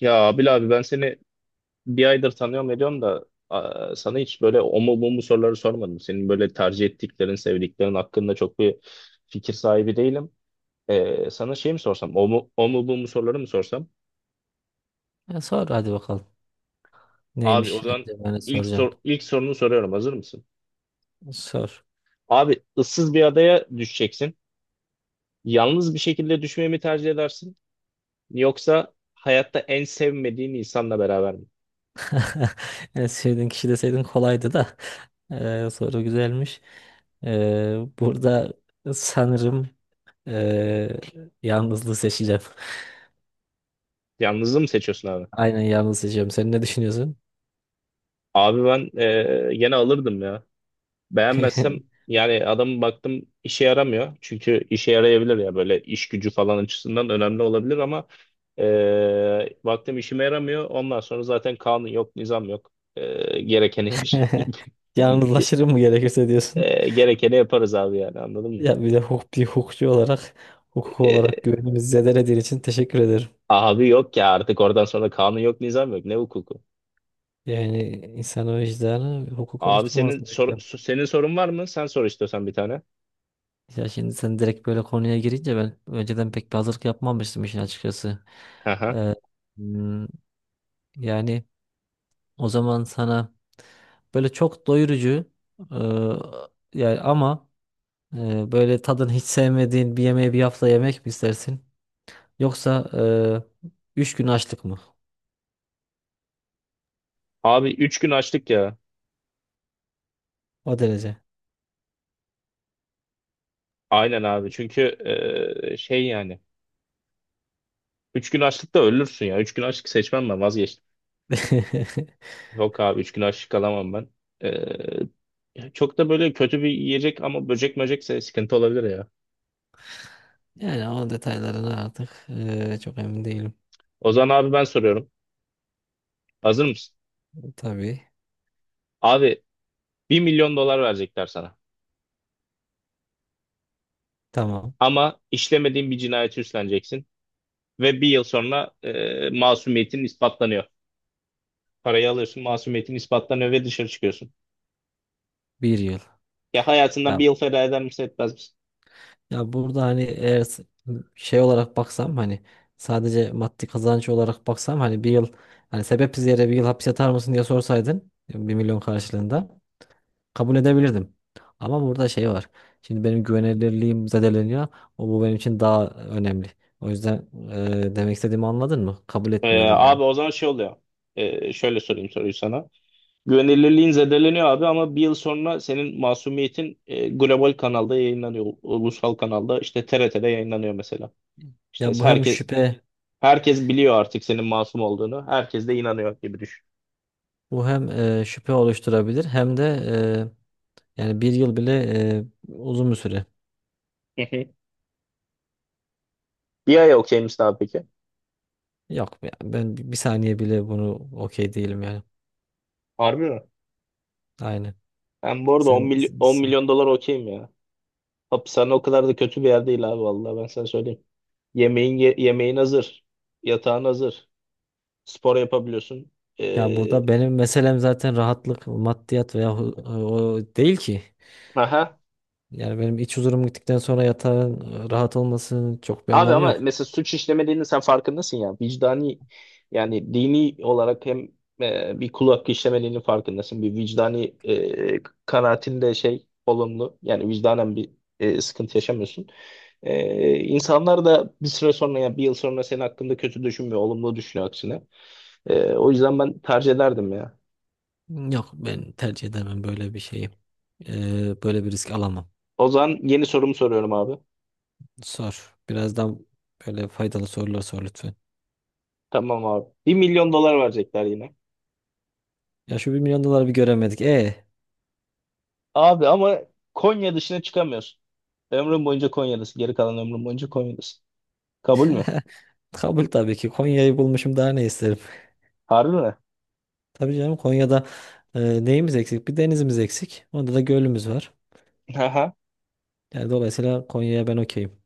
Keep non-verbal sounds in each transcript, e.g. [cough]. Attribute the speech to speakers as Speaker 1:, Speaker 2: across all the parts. Speaker 1: Ya Abil abi ben seni bir aydır tanıyorum ediyorum da sana hiç böyle o mu bu mu soruları sormadım. Senin böyle tercih ettiklerin, sevdiklerin hakkında çok bir fikir sahibi değilim. Sana şey mi sorsam? O mu, bu mu soruları mı sorsam?
Speaker 2: Ya sor hadi bakalım.
Speaker 1: Abi o
Speaker 2: Neymiş
Speaker 1: zaman
Speaker 2: acaba ne
Speaker 1: ilk
Speaker 2: soracaksın?
Speaker 1: sor, ilk sorunu soruyorum. Hazır mısın?
Speaker 2: Sor.
Speaker 1: Abi ıssız bir adaya düşeceksin. Yalnız bir şekilde düşmeyi mi tercih edersin? Yoksa hayatta en sevmediğin insanla beraber mi?
Speaker 2: [laughs] Yani sevdiğin kişi deseydin kolaydı da. [laughs] Soru güzelmiş. Burada sanırım ee, yalnızlığı seçeceğim.
Speaker 1: Yalnızlığı mı seçiyorsun abi?
Speaker 2: [laughs] Aynen, yalnız seçeceğim. Sen ne düşünüyorsun?
Speaker 1: Abi ben gene alırdım ya. Beğenmezsem
Speaker 2: [laughs]
Speaker 1: yani adamı baktım işe yaramıyor. Çünkü işe yarayabilir ya böyle iş gücü falan açısından önemli olabilir ama baktım işime yaramıyor. Ondan sonra zaten kanun yok, nizam yok. E, gerekeni yap- [laughs]
Speaker 2: Yalnızlaşırım mı gerekirse diyorsun.
Speaker 1: Gerekeni yaparız abi yani anladın mı?
Speaker 2: Ya bir de hukuk, bir hukukçu olarak hukuk olarak
Speaker 1: E,
Speaker 2: güvenimizi zedelediğin için teşekkür ederim.
Speaker 1: Abi yok ya artık oradan sonra kanun yok, nizam yok. Ne hukuku?
Speaker 2: Yani insan vicdanı hukuk
Speaker 1: Abi
Speaker 2: oluşturma
Speaker 1: senin
Speaker 2: arasında.
Speaker 1: senin sorun var mı? Sen sor istiyorsan bir tane.
Speaker 2: Ya şimdi sen direkt böyle konuya girince ben önceden pek bir hazırlık yapmamıştım işin açıkçası.
Speaker 1: Hı.
Speaker 2: Ee, hmm, Yani o zaman sana böyle çok doyurucu, yani ama, böyle tadını hiç sevmediğin bir yemeği bir hafta yemek mi istersin? Yoksa e, 3 gün açlık mı?
Speaker 1: Abi 3 gün açlık ya.
Speaker 2: O derece.
Speaker 1: Aynen abi. Çünkü şey yani. 3 gün açlıkta ölürsün ya. 3 gün açlık seçmem ben vazgeçtim.
Speaker 2: [laughs]
Speaker 1: Yok abi 3 gün açlık alamam ben. Çok da böyle kötü bir yiyecek ama böcek möcekse sıkıntı olabilir ya.
Speaker 2: Yani o detaylarına artık çok emin değilim.
Speaker 1: O zaman abi ben soruyorum. Hazır mısın?
Speaker 2: Tabii.
Speaker 1: Abi 1 milyon dolar verecekler sana.
Speaker 2: Tamam.
Speaker 1: Ama işlemediğin bir cinayeti üstleneceksin. Ve bir yıl sonra masumiyetin ispatlanıyor. Parayı alıyorsun masumiyetin ispatlanıyor ve dışarı çıkıyorsun.
Speaker 2: Bir yıl.
Speaker 1: Ya hayatından bir
Speaker 2: Tamam.
Speaker 1: yıl feda eder misin etmez misin?
Speaker 2: Ya burada hani eğer şey olarak baksam, hani sadece maddi kazanç olarak baksam, hani bir yıl, hani sebepsiz yere bir yıl hapis yatar mısın diye sorsaydın, 1 milyon karşılığında kabul edebilirdim. Ama burada şey var. Şimdi benim güvenilirliğim zedeleniyor. O, bu benim için daha önemli. O yüzden, demek istediğimi anladın mı? Kabul etmiyorum yani.
Speaker 1: Abi o zaman şey oluyor. Şöyle sorayım soruyu sana. Güvenilirliğin zedeleniyor abi ama bir yıl sonra senin Masumiyet'in global kanalda yayınlanıyor. Ulusal kanalda işte T R TRT'de yayınlanıyor mesela. İşte
Speaker 2: Ya bu hem
Speaker 1: herkes
Speaker 2: şüphe
Speaker 1: herkes biliyor artık senin masum olduğunu. Herkes de inanıyor gibi düşün.
Speaker 2: Bu hem, şüphe oluşturabilir hem de, yani bir yıl bile e, uzun bir süre.
Speaker 1: [laughs] Bir ay okey misin abi peki?
Speaker 2: Yok ya, ben bir saniye bile bunu okey değilim yani.
Speaker 1: Harbi mi?
Speaker 2: Aynen.
Speaker 1: Ben bu arada 10,
Speaker 2: Sen,
Speaker 1: mily-
Speaker 2: sen-
Speaker 1: 10
Speaker 2: sen-
Speaker 1: milyon dolar okeyim ya. Hapishane o kadar da kötü bir yer değil abi vallahi ben sana söyleyeyim. Yemeğin yemeğin hazır. Yatağın hazır. Spor yapabiliyorsun.
Speaker 2: Ya
Speaker 1: Ee,
Speaker 2: burada benim meselem zaten rahatlık, maddiyat veya o değil ki.
Speaker 1: aha.
Speaker 2: Yani benim iç huzurum gittikten sonra yatağın rahat olmasının çok bir
Speaker 1: Abi
Speaker 2: anlamı
Speaker 1: ama
Speaker 2: yok.
Speaker 1: mesela suç işlemediğini sen farkındasın ya. Vicdani yani dini olarak hem bir kul hakkı işlemediğinin farkındasın. Bir vicdani kanaatinde şey olumlu. Yani vicdanen bir sıkıntı yaşamıyorsun. İnsanlar da bir süre sonra ya bir yıl sonra senin hakkında kötü düşünmüyor. Olumlu düşünüyor aksine. O yüzden ben tercih ederdim ya.
Speaker 2: Yok, ben tercih edemem böyle bir şeyi. Böyle bir risk alamam.
Speaker 1: O zaman yeni sorumu soruyorum abi.
Speaker 2: Sor. Birazdan böyle faydalı sorular sor lütfen.
Speaker 1: Tamam abi. 1 milyon dolar verecekler yine.
Speaker 2: Ya şu 1 milyon doları bir göremedik.
Speaker 1: Abi ama Konya dışına çıkamıyorsun. Ömrüm boyunca Konya'dasın. Geri kalan ömrüm boyunca Konya'dasın. Kabul mü?
Speaker 2: Kabul tabii ki. Konya'yı bulmuşum daha ne isterim.
Speaker 1: Harbi mi?
Speaker 2: Tabii canım, Konya'da neyimiz eksik? Bir denizimiz eksik. Onda da gölümüz var.
Speaker 1: Aha.
Speaker 2: Yani dolayısıyla Konya'ya ben okeyim.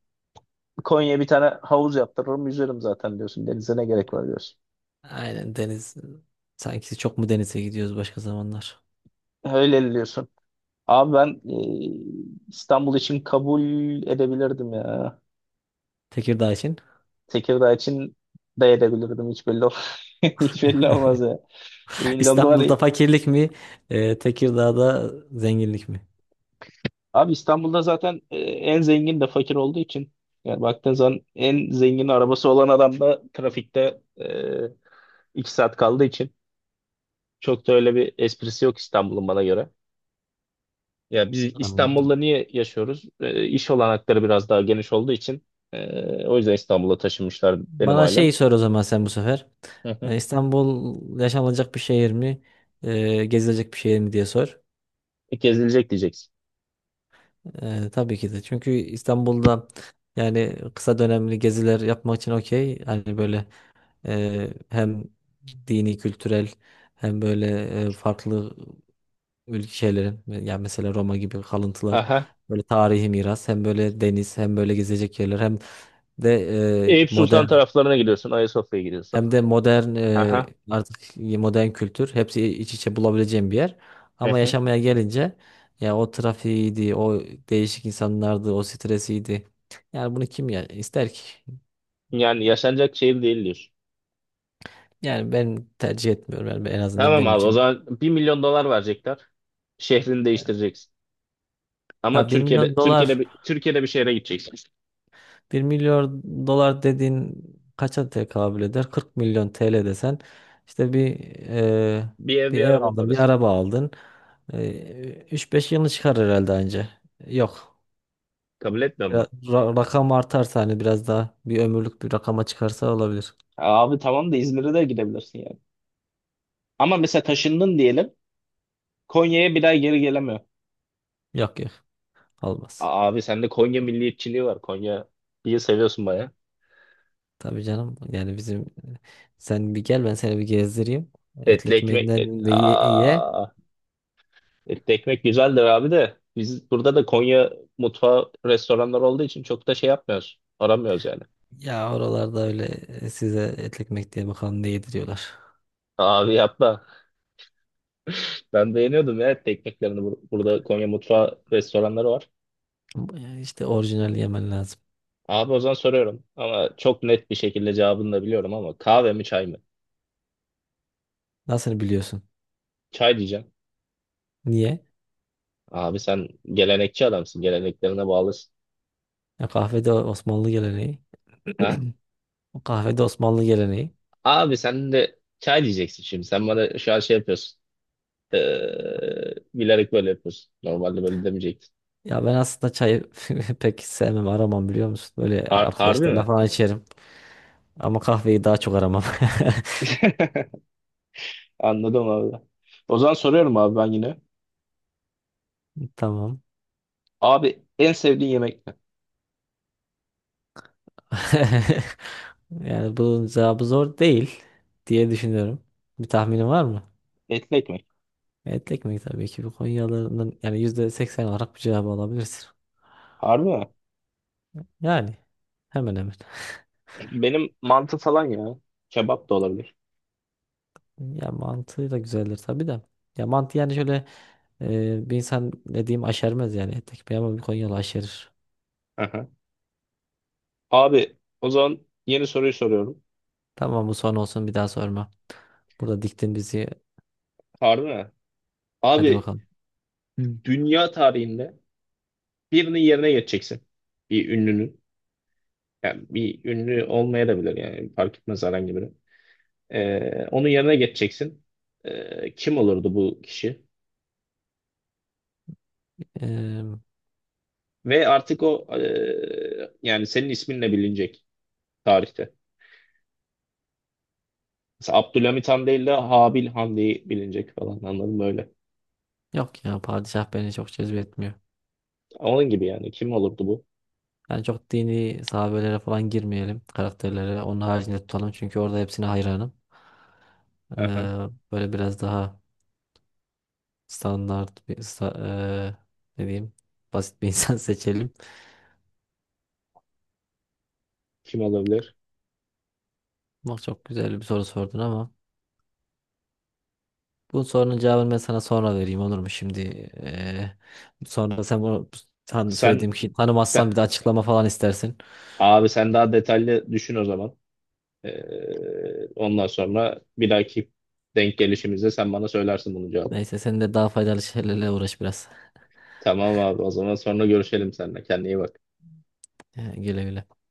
Speaker 1: Konya'ya bir tane havuz yaptırırım yüzerim zaten diyorsun. Denize ne gerek var diyorsun.
Speaker 2: Aynen deniz. Sanki çok mu denize gidiyoruz başka zamanlar?
Speaker 1: Öyle diyorsun. Abi ben İstanbul için kabul edebilirdim ya.
Speaker 2: Tekirdağ için.
Speaker 1: Tekirdağ için de edebilirdim. [laughs] Hiç belli
Speaker 2: [laughs]
Speaker 1: olmaz ya. Bilmiyorum, var.
Speaker 2: İstanbul'da fakirlik mi? Tekirdağ'da zenginlik mi?
Speaker 1: Abi İstanbul'da zaten en zengin de fakir olduğu için yani baktığın zaman en zengin arabası olan adam da trafikte 2 saat kaldığı için çok da öyle bir esprisi yok İstanbul'un bana göre. Ya biz İstanbul'da
Speaker 2: Anladım.
Speaker 1: niye yaşıyoruz? İş olanakları biraz daha geniş olduğu için o yüzden İstanbul'a taşınmışlar benim
Speaker 2: Bana
Speaker 1: ailem.
Speaker 2: şey sor o zaman, sen bu sefer.
Speaker 1: Hı hı.
Speaker 2: İstanbul yaşanılacak bir şehir mi? Gezilecek bir şehir mi diye sor.
Speaker 1: Gezilecek diyeceksin.
Speaker 2: Tabii ki de. Çünkü İstanbul'da yani kısa dönemli geziler yapmak için okey. Hani böyle, hem dini, kültürel, hem böyle farklı ülke şeylerin yani mesela Roma gibi kalıntılar,
Speaker 1: Aha.
Speaker 2: böyle tarihi miras, hem böyle deniz, hem böyle gezecek yerler, de eee,
Speaker 1: Eyüp Sultan
Speaker 2: modern
Speaker 1: taraflarına gidiyorsun, Ayasofya'ya gidiyorsun.
Speaker 2: hem de modern
Speaker 1: Aha.
Speaker 2: artık modern kültür hepsi iç içe bulabileceğim bir yer.
Speaker 1: Hı
Speaker 2: Ama
Speaker 1: hı.
Speaker 2: yaşamaya gelince ya o trafiğiydi, o değişik insanlardı, o stresiydi. Yani bunu kim ya ister ki?
Speaker 1: Yani yaşanacak şehir değil diyorsun.
Speaker 2: Yani ben tercih etmiyorum yani, en azından
Speaker 1: Tamam
Speaker 2: benim
Speaker 1: abi o
Speaker 2: için.
Speaker 1: zaman 1 milyon dolar verecekler. Şehrini değiştireceksin. Ama
Speaker 2: Ya,
Speaker 1: Türkiye'de bir şehre gideceksin.
Speaker 2: bir milyon dolar dediğin kaça tekabül eder? 40 milyon TL desen işte e,
Speaker 1: Bir ev
Speaker 2: bir
Speaker 1: bir
Speaker 2: ev
Speaker 1: araba
Speaker 2: aldın, bir
Speaker 1: parası.
Speaker 2: araba aldın. 3-5 yılını çıkar herhalde anca. Yok.
Speaker 1: Kabul etmiyor
Speaker 2: Biraz,
Speaker 1: musun?
Speaker 2: rakam artarsa hani biraz daha bir ömürlük bir rakama çıkarsa olabilir.
Speaker 1: Abi tamam da İzmir'e de gidebilirsin. Ama mesela taşındın diyelim. Konya'ya bir daha geri gelemiyor.
Speaker 2: Yok yok, olmaz.
Speaker 1: Abi sende Konya milliyetçiliği var. Konya bir seviyorsun baya.
Speaker 2: Tabii canım yani bizim, sen bir gel ben seni bir gezdireyim. Etli
Speaker 1: Etli ekmek et,
Speaker 2: ekmeğinden de ye.
Speaker 1: aa, Etli ekmek güzeldir abi de biz burada da Konya mutfağı restoranlar olduğu için çok da şey yapmıyoruz. Aramıyoruz yani.
Speaker 2: Ya oralarda öyle, size etli ekmek diye bakalım ne yediriyorlar.
Speaker 1: Abi yapma. Ben beğeniyordum ya etli ekmeklerini. Burada Konya mutfağı restoranları var.
Speaker 2: Yani İşte orijinal yemen lazım.
Speaker 1: Abi o zaman soruyorum. Ama çok net bir şekilde cevabını da biliyorum ama kahve mi çay mı?
Speaker 2: Nasıl biliyorsun?
Speaker 1: Çay diyeceğim.
Speaker 2: Niye?
Speaker 1: Abi sen gelenekçi adamsın. Geleneklerine bağlısın.
Speaker 2: Ya kahvede Osmanlı geleneği.
Speaker 1: Ha?
Speaker 2: [clears throat] O kahvede Osmanlı geleneği.
Speaker 1: Abi sen de çay diyeceksin şimdi. Sen bana şu an şey yapıyorsun. Bilerek böyle yapıyorsun. Normalde böyle demeyecektin.
Speaker 2: Ya ben aslında çayı [laughs] pek sevmem, aramam biliyor musun? Böyle
Speaker 1: Harbi mi?
Speaker 2: arkadaşlarla falan içerim. Ama kahveyi daha çok aramam.
Speaker 1: [laughs] Anladım abi. O zaman soruyorum abi ben yine.
Speaker 2: [laughs] Tamam.
Speaker 1: Abi en sevdiğin yemek ne?
Speaker 2: [laughs] Yani bunun cevabı zor değil diye düşünüyorum. Bir tahminin var mı?
Speaker 1: Etli ekmek.
Speaker 2: Etli ekmek tabii ki. Bu Konyalıların yani %80 olarak bir cevabı alabilirsin.
Speaker 1: Harbi mi?
Speaker 2: Yani hemen hemen.
Speaker 1: Benim mantı falan ya. Kebap da olabilir.
Speaker 2: Ya mantığı da güzeldir tabii de. Ya mantı yani şöyle bir insan ne diyeyim aşermez yani tek bir, ama bir Konyalı aşerir.
Speaker 1: Aha. Abi o zaman yeni soruyu soruyorum.
Speaker 2: Tamam, bu son olsun, bir daha sorma. Burada diktin bizi,
Speaker 1: Harbi mi?
Speaker 2: hadi
Speaker 1: Abi
Speaker 2: bakalım.
Speaker 1: dünya tarihinde birinin yerine geçeceksin. Bir ünlünün. Yani bir ünlü olmaya da bilir yani fark etmez herhangi biri. Onun yerine geçeceksin. Kim olurdu bu kişi?
Speaker 2: Eee,
Speaker 1: Ve artık o yani senin isminle bilinecek tarihte. Mesela Abdülhamit Han değil de Habil Han diye bilinecek falan anladın mı öyle?
Speaker 2: Yok ya, padişah beni çok cezbetmiyor.
Speaker 1: Onun gibi yani kim olurdu bu?
Speaker 2: Yani çok dini sahabelere falan girmeyelim karakterlere. Onun haricinde tutalım çünkü orada hepsine hayranım.
Speaker 1: Aha,
Speaker 2: Eee, Böyle biraz daha standart bir ne diyeyim basit bir [laughs] insan seçelim.
Speaker 1: kim olabilir?
Speaker 2: Bak, çok güzel bir soru sordun ama. Bu sorunun cevabını ben sana sonra vereyim olur mu? Şimdi eee, sonra sen bunu söylediğim
Speaker 1: Sen,
Speaker 2: kişiyi
Speaker 1: sen,
Speaker 2: tanımazsan bir de açıklama falan istersin.
Speaker 1: abi sen daha detaylı düşün o zaman. Ondan sonra bir dahaki denk gelişimizde sen bana söylersin bunun cevabını.
Speaker 2: Neyse sen de daha faydalı şeylerle uğraş biraz.
Speaker 1: Tamam abi o zaman sonra görüşelim seninle. Kendine iyi bak.
Speaker 2: Güle güle.